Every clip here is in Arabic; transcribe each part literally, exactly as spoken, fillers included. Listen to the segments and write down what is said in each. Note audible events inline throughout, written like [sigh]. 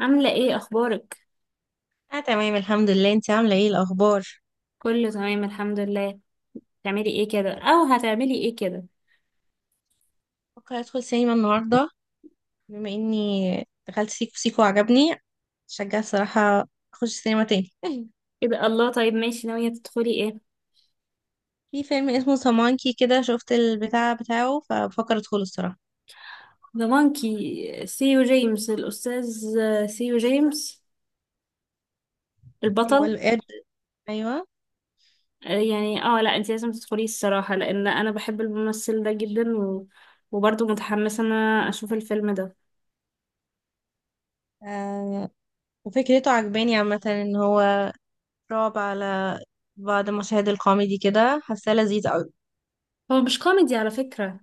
عاملة ايه، اخبارك؟ اه، تمام الحمد لله. انت عامله ايه الاخبار؟ كله تمام، الحمد لله. تعملي ايه كده او هتعملي ايه كده؟ بفكر ادخل سينما النهارده، بما اني دخلت سيكو سيكو وعجبني، شجع الصراحه اخش سينما تاني [laughs] ايه ده؟ الله، طيب، ماشي، ناوية تدخلي ايه؟ في فيلم اسمه سامانكي كده، شفت البتاع بتاعه فبفكر ادخله الصراحه. ذا مونكي، سيو جيمس الاستاذ، سيو جيمس ايوه البطل. القرد. ايوه. آه، يعني اه لا، انت لازم تدخلي الصراحة، لان انا بحب الممثل ده جدا، و... وبرضه متحمسة ان انا اشوف الفيلم ده. آه. وفكرته عجباني عامه، ان هو رعب على بعض مشاهد الكوميدي كده، حاساه لذيذ قوي. هو مش كوميدي على فكرة،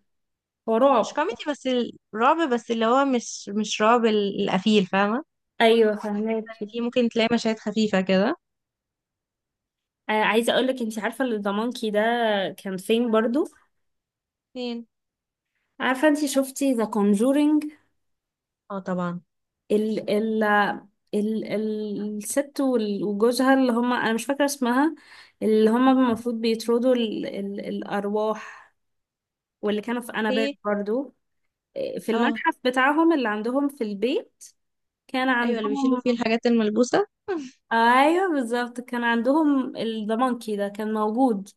هو مش رعب. كوميدي بس، الرعب بس اللي هو مش مش رعب ال- القفيل، فاهمه؟ ايوه، فهماكي. في ممكن تلاقي مشاهد خفيفه كده. آه، عايزة اقولك، انت عارفة ان ذا مونكي ده كان فين برضه؟ فين؟ عارفة، انتي شفتي ذا Conjuring؟ اه طبعا. ال ال ال ال- الست، وال- وجوزها، اللي هما انا مش فاكره اسمها. اللي هما المفروض بيطردوا ال ال الارواح، واللي كانوا في انابيب ايه. برضو، في اه. المتحف بتاعهم اللي عندهم في البيت، كان ايوه اللي بيشيلوا عندهم. فيه الحاجات الملبوسه. ايوه بالظبط كان عندهم، ذا مونكي ده كان موجود.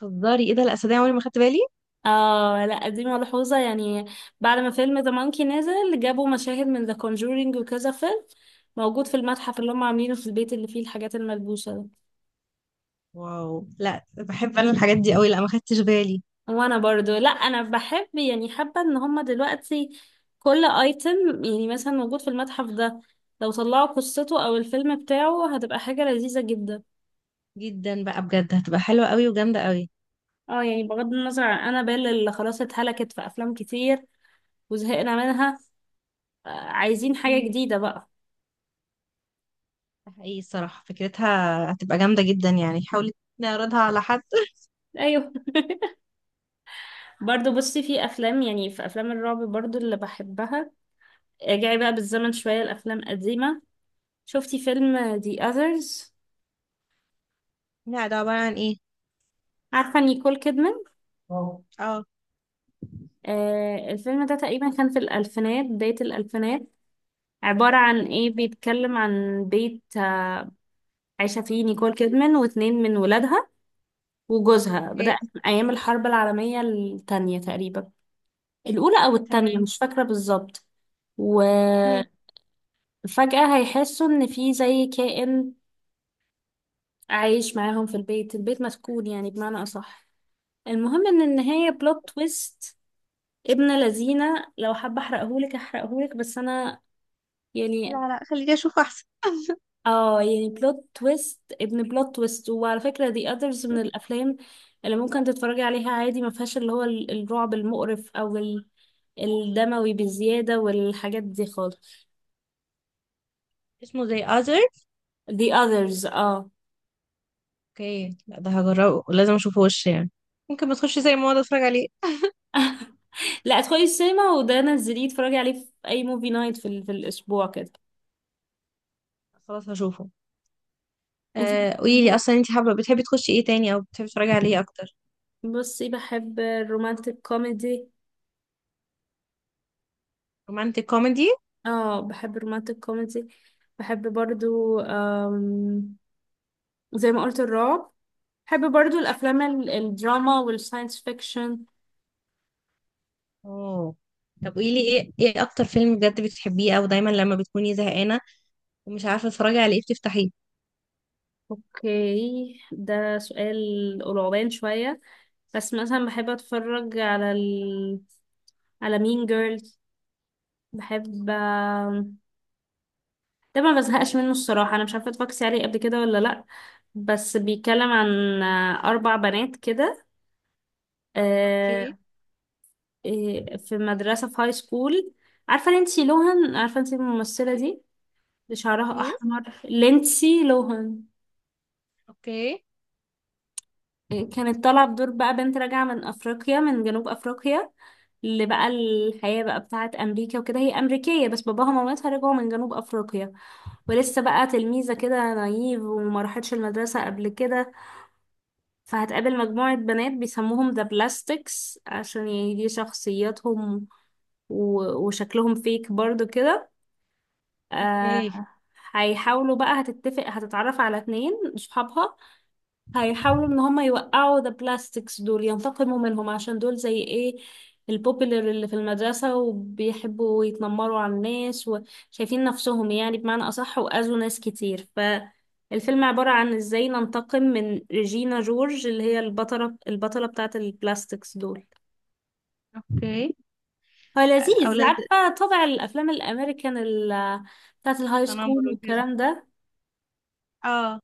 تهزري؟ ايه ده، لا صدقني عمري ما خدت بالي. اه لا، دي ملحوظة يعني. بعد ما فيلم ذا مونكي نزل جابوا مشاهد من ذا كونجورينج وكذا فيلم موجود في المتحف اللي هم عاملينه في البيت، اللي فيه الحاجات الملبوسة ده. واو، لا بحب انا الحاجات دي قوي، لا ما خدتش بالي. وانا برضو، لا انا بحب، يعني حابه ان هما دلوقتي كل ايتم يعني مثلا موجود في المتحف ده، لو طلعوا قصته او الفيلم بتاعه هتبقى حاجه لذيذه جدا. جدا بقى بجد، هتبقى حلوه قوي وجامده قوي. اه يعني بغض النظر عن انابيل اللي خلاص اتهلكت في افلام كتير، وزهقنا منها. آه، عايزين حاجه امم جديده بقى. ده حقيقي الصراحه فكرتها، هتبقى جامده جدا، يعني حاولي نعرضها على حد [laughs] ايوه. [laughs] برضو بصي، في افلام، يعني في افلام الرعب برضو اللي بحبها. ارجعي بقى بالزمن شويه، الافلام قديمه. شفتي فيلم The Others؟ لا ده عباره عن ايه؟ عارفه نيكول كيدمان؟ اه. آه، الفيلم ده تقريبا كان في الألفينات، بداية الألفينات. عبارة عن إيه، بيتكلم عن بيت آه، عايشة فيه نيكول كيدمان واتنين من ولادها وجوزها، اوكي. بدأ من أيام الحرب العالمية التانية تقريبا، الأولى أو التانية تمام. مش فاكرة بالظبط. وفجأة امم هيحسوا إن في زي كائن عايش معاهم في البيت، البيت مسكون يعني بمعنى أصح. المهم إن النهاية بلوت تويست، ابن لذينة، لو حابة أحرقهولك أحرقهولك بس أنا يعني... لا لا، خليني اشوف احسن. اه يعني بلوت تويست ابن بلوت تويست، وعلى فكرة دي اذرز من الافلام اللي ممكن تتفرجي عليها عادي، ما فيهاش اللي هو ال- الرعب المقرف او ال- الدموي بزيادة والحاجات دي خالص. اسمه زي اذر؟ The others، اه. اوكي، لا ده هجربه، لازم اشوفه وش يعني، ممكن ما تخش زي ما اقعد اتفرج عليه. لا، ادخلي السينما، وده نزليه اتفرجي عليه في اي موفي نايت في, ال- في الاسبوع كده. خلاص هشوفه. انتي آه، قولي لي بتحبي- اصلا، انت حابه بتحبي تخشي ايه تاني او بتحبي تتفرجي على ايه اكتر؟ إيه؟ بصي بحب الرومانتك كوميدي. رومانتك كوميدي. اه، بحب الرومانتك كوميدي. بحب برضو، آم، زي ما قلت الرعب. بحب برضو الافلام ال- الدراما والساينس فيكشن. اوه. طب قولي لي ايه، ايه اكتر فيلم بجد بتحبيه او دايما لما بتكوني زهقانه ومش عارفه تتفرجي على ايه بتفتحيه؟ اوكي، ده سؤال قرعبان شوية. بس مثلا بحب اتفرج على ال... على مين جيرلز، بحب. ده ما بزهقش منه الصراحة، انا مش عارفة اتفرجتي عليه قبل كده ولا لا. بس بيتكلم عن آه، اربع بنات كده، آه، اوكي. آه، في مدرسة في هاي سكول. عارفة لينسي لوهان؟ عارفة انتي الممثلة دي اللي شعرها مين؟ احمر، لينسي لوهان؟ اوكي. كانت طالعة بدور بقى بنت راجعة من أفريقيا، من جنوب أفريقيا، اللي بقى الحياة بقى بتاعة أمريكا وكده، هي أمريكية بس باباها ومامتها رجعوا من جنوب أفريقيا، ولسه بقى تلميذة كده نايف وما راحتش المدرسة قبل كده. فهتقابل مجموعة بنات بيسموهم ذا بلاستكس، عشان يعني دي شخصياتهم و- وشكلهم فيك برضو كده. آه، اوكي. هيحاولوا بقى، هتتفق، هتتعرف على اتنين صحابها، هيحاولوا ان هم يوقعوا ذا بلاستكس دول ينتقموا منهم، عشان دول زي ايه، البوبيلر اللي في المدرسة وبيحبوا يتنمروا على الناس، وشايفين نفسهم يعني بمعنى أصح، وأذوا ناس كتير. فالفيلم عبارة عن ازاي ننتقم من ريجينا جورج، اللي هي البطلة البطلة بتاعة البلاستكس دول. اوكي. هو لذيذ، اولاد. عارفة طبع الأفلام الأمريكان ال- بتاعة الهاي تنمر سكول وكده. والكلام ده، اه.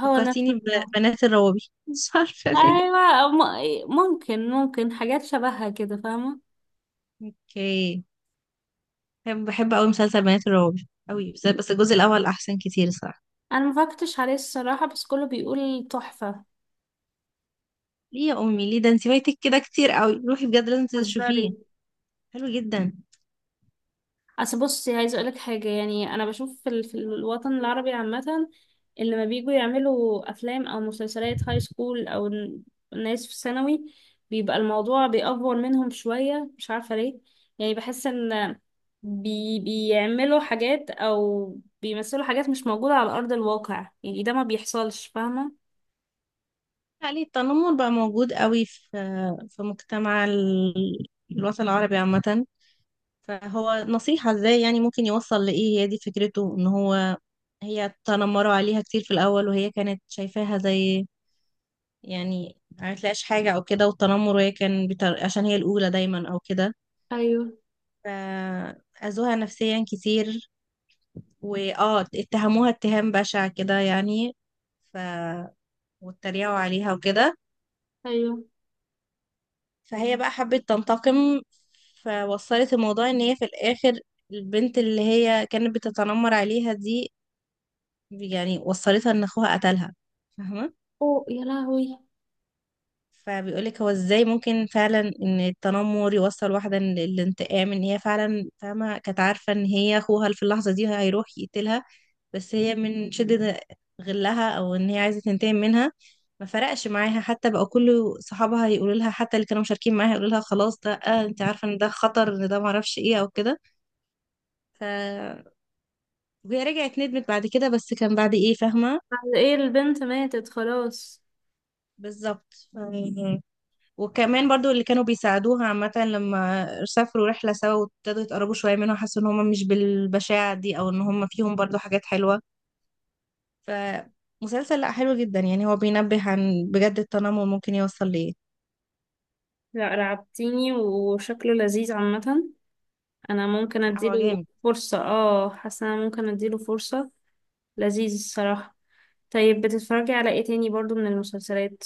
هو نفس فكرتيني النظام. ببنات الروابي [laughs] مش عارفه ليه. أيوة، م- ممكن ممكن حاجات شبهها كده، فاهمة. اوكي. بحب بحب قوي مسلسل بنات الروابي قوي، بس بس الجزء الاول احسن كتير الصراحه. انا ما فكرتش عليه الصراحه، بس كله بيقول تحفه. ليه يا امي ليه؟ ده انت فايتك كده كتير قوي، روحي بجد لازم هزاري. تشوفيه. حلو جدا. اصل بصي، عايزه اقولك حاجه، يعني انا بشوف في, ال... في الوطن العربي عامه، اللي لما بييجوا يعملوا افلام او مسلسلات هاي سكول او ن- ناس في ثانوي، بيبقى الموضوع بيأفور منهم شويه، مش عارفه ليه. يعني بحس ان بي... بيعملوا حاجات او بيمثلوا حاجات مش موجوده على ارض الواقع، يعني ده ما بيحصلش، فاهمه. عليه التنمر بقى موجود قوي في، في مجتمع ال- الوطن العربي عامة. فهو نصيحة ازاي يعني ممكن يوصل لإيه، هي دي فكرته، ان هو هي تنمروا عليها كتير في الأول، وهي كانت شايفاها زي، يعني ما تلاقيش حاجة أو كده، والتنمر، وهي كان بتر... عشان هي الأولى دايما أو كده. ايوه. فأذوها نفسيا كتير. وآه اتهموها اتهام بشع كده يعني. ف واتريقوا عليها وكده. ايوه. فهي بقى حبت تنتقم. فوصلت الموضوع ان هي في الاخر، البنت اللي هي كانت بتتنمر عليها دي، يعني وصلتها ان اخوها قتلها، فاهمة؟ اوه يا لهوي. فبيقولك هو ازاي ممكن فعلا ان التنمر يوصل واحدة للانتقام، ان هي فعلا فاهمة كانت عارفة ان هي اخوها في اللحظة دي هيروح يقتلها، بس هي من شدة غلها او ان هي عايزة تنتقم منها، ما فرقش معاها حتى بقى كل صحابها يقولوا لها، حتى اللي كانوا مشاركين معاها يقولوا لها خلاص ده، آه انت عارفة ان ده خطر، ان ده معرفش ايه او كده. ف وهي رجعت ندمت بعد كده، بس كان بعد ايه، فاهمة؟ بعد ايه؟ البنت ماتت خلاص. بالظبط. ف... وكمان برضو اللي كانوا بيساعدوها عامة، لما سافروا رحلة سوا وابتدوا يتقربوا شوية منها، حسوا ان هم مش بالبشاعة دي، او ان هم فيهم برضو حاجات حلوة. فمسلسل لا حلو جدا يعني، هو بينبه عن بجد التنمر ممكن يوصل لإيه. لا، رعبتيني، وشكله لذيذ عامة، انا ممكن لا هو اديله جامد. فرصة. اه، حاسة انا ممكن اديله فرصة، لذيذ الصراحة. طيب، بتتفرجي على ايه تاني برضو من المسلسلات؟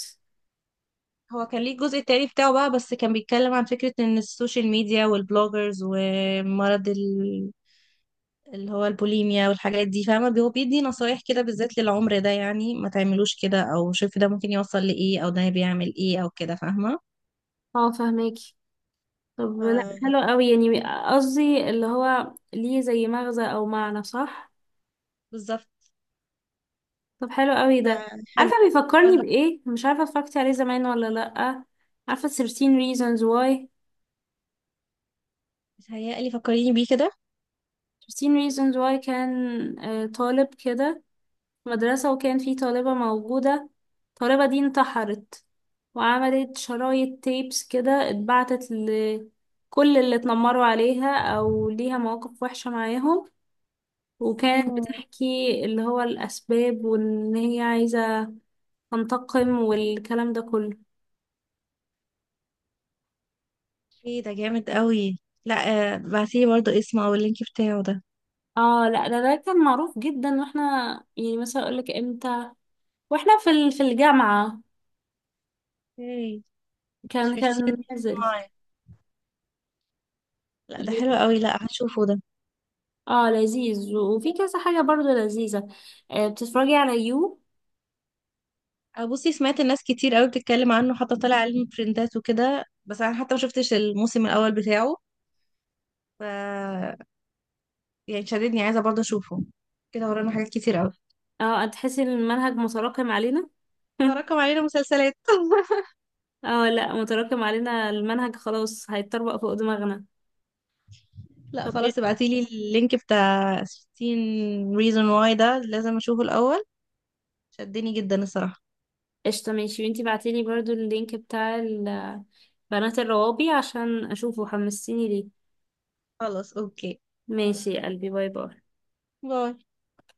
هو كان ليه الجزء التاني بتاعه بقى، بس كان بيتكلم عن فكرة ان السوشيال ميديا والبلوجرز ومرض ال... اللي هو البوليميا والحاجات دي، فاهمة؟ هو بيدي نصايح كده بالذات للعمر ده، يعني ما تعملوش كده، او شوف ده ممكن يوصل لإيه، او ده بيعمل إيه او كده، فاهمة؟ اه، فهماكي. طب لا، ف- حلو قوي يعني. قصدي اللي هو ليه زي مغزى او معنى، صح؟ بالظبط. طب حلو قوي ف- ده. حلو. عارفة بيفكرني ولا. بايه؟ مش عارفة اتفرجتي عليه زمان ولا لا. عارفة ثيرتين reasons why؟ متهيألي فكريني بيه ثيرتين reasons why كان آه، طالب كده، مدرسة، وكان في طالبة موجودة. الطالبة دي انتحرت، وعملت شرايط تيبس كده اتبعتت لكل اللي اتنمروا عليها أو ليها مواقف وحشة معاهم، وكانت كده. بتحكي اللي هو الأسباب، وإن هي عايزة تنتقم والكلام ده كله. ايه ده جامد قوي، لا. آه، بعتيلي برضه اسمه او اللينك بتاعه ده. اه لا، ده ده كان معروف جدا، واحنا يعني مثلا اقولك امتى، واحنا في ال- في الجامعة ايه. كان شفتيه كان نازل. معايا. لا ده حلو قوي، لا هشوفه ده. اه، لذيذ وفي كذا حاجة برضو لذيذة. آه، بتتفرجي على يو؟ آه، بصي سمعت الناس كتير قوي بتتكلم عنه، حتى طلع علم ترندات وكده، بس انا حتى ما شفتش الموسم الاول بتاعه. ف يعني شددني، عايزه برضه اشوفه. كده ورانا حاجات كتير قوي. اه، هتحسي ان المنهج متراكم علينا. [laughs] تراكم علينا مسلسلات [laughs] اه لا، متراكم علينا المنهج، خلاص هيتطبق فوق دماغنا. لا طب خلاص، إيه؟ ابعتيلي اللينك بتاع ستاشر reason why ده، لازم اشوفه الاول. شدني جدا الصراحه. قشطة، ماشي. وانتي بعتيلي برضو اللينك بتاع ال- بنات الروابي عشان اشوفه، حمستيني ليه. خلاص اوكي. ماشي يا قلبي، باي باي. باي.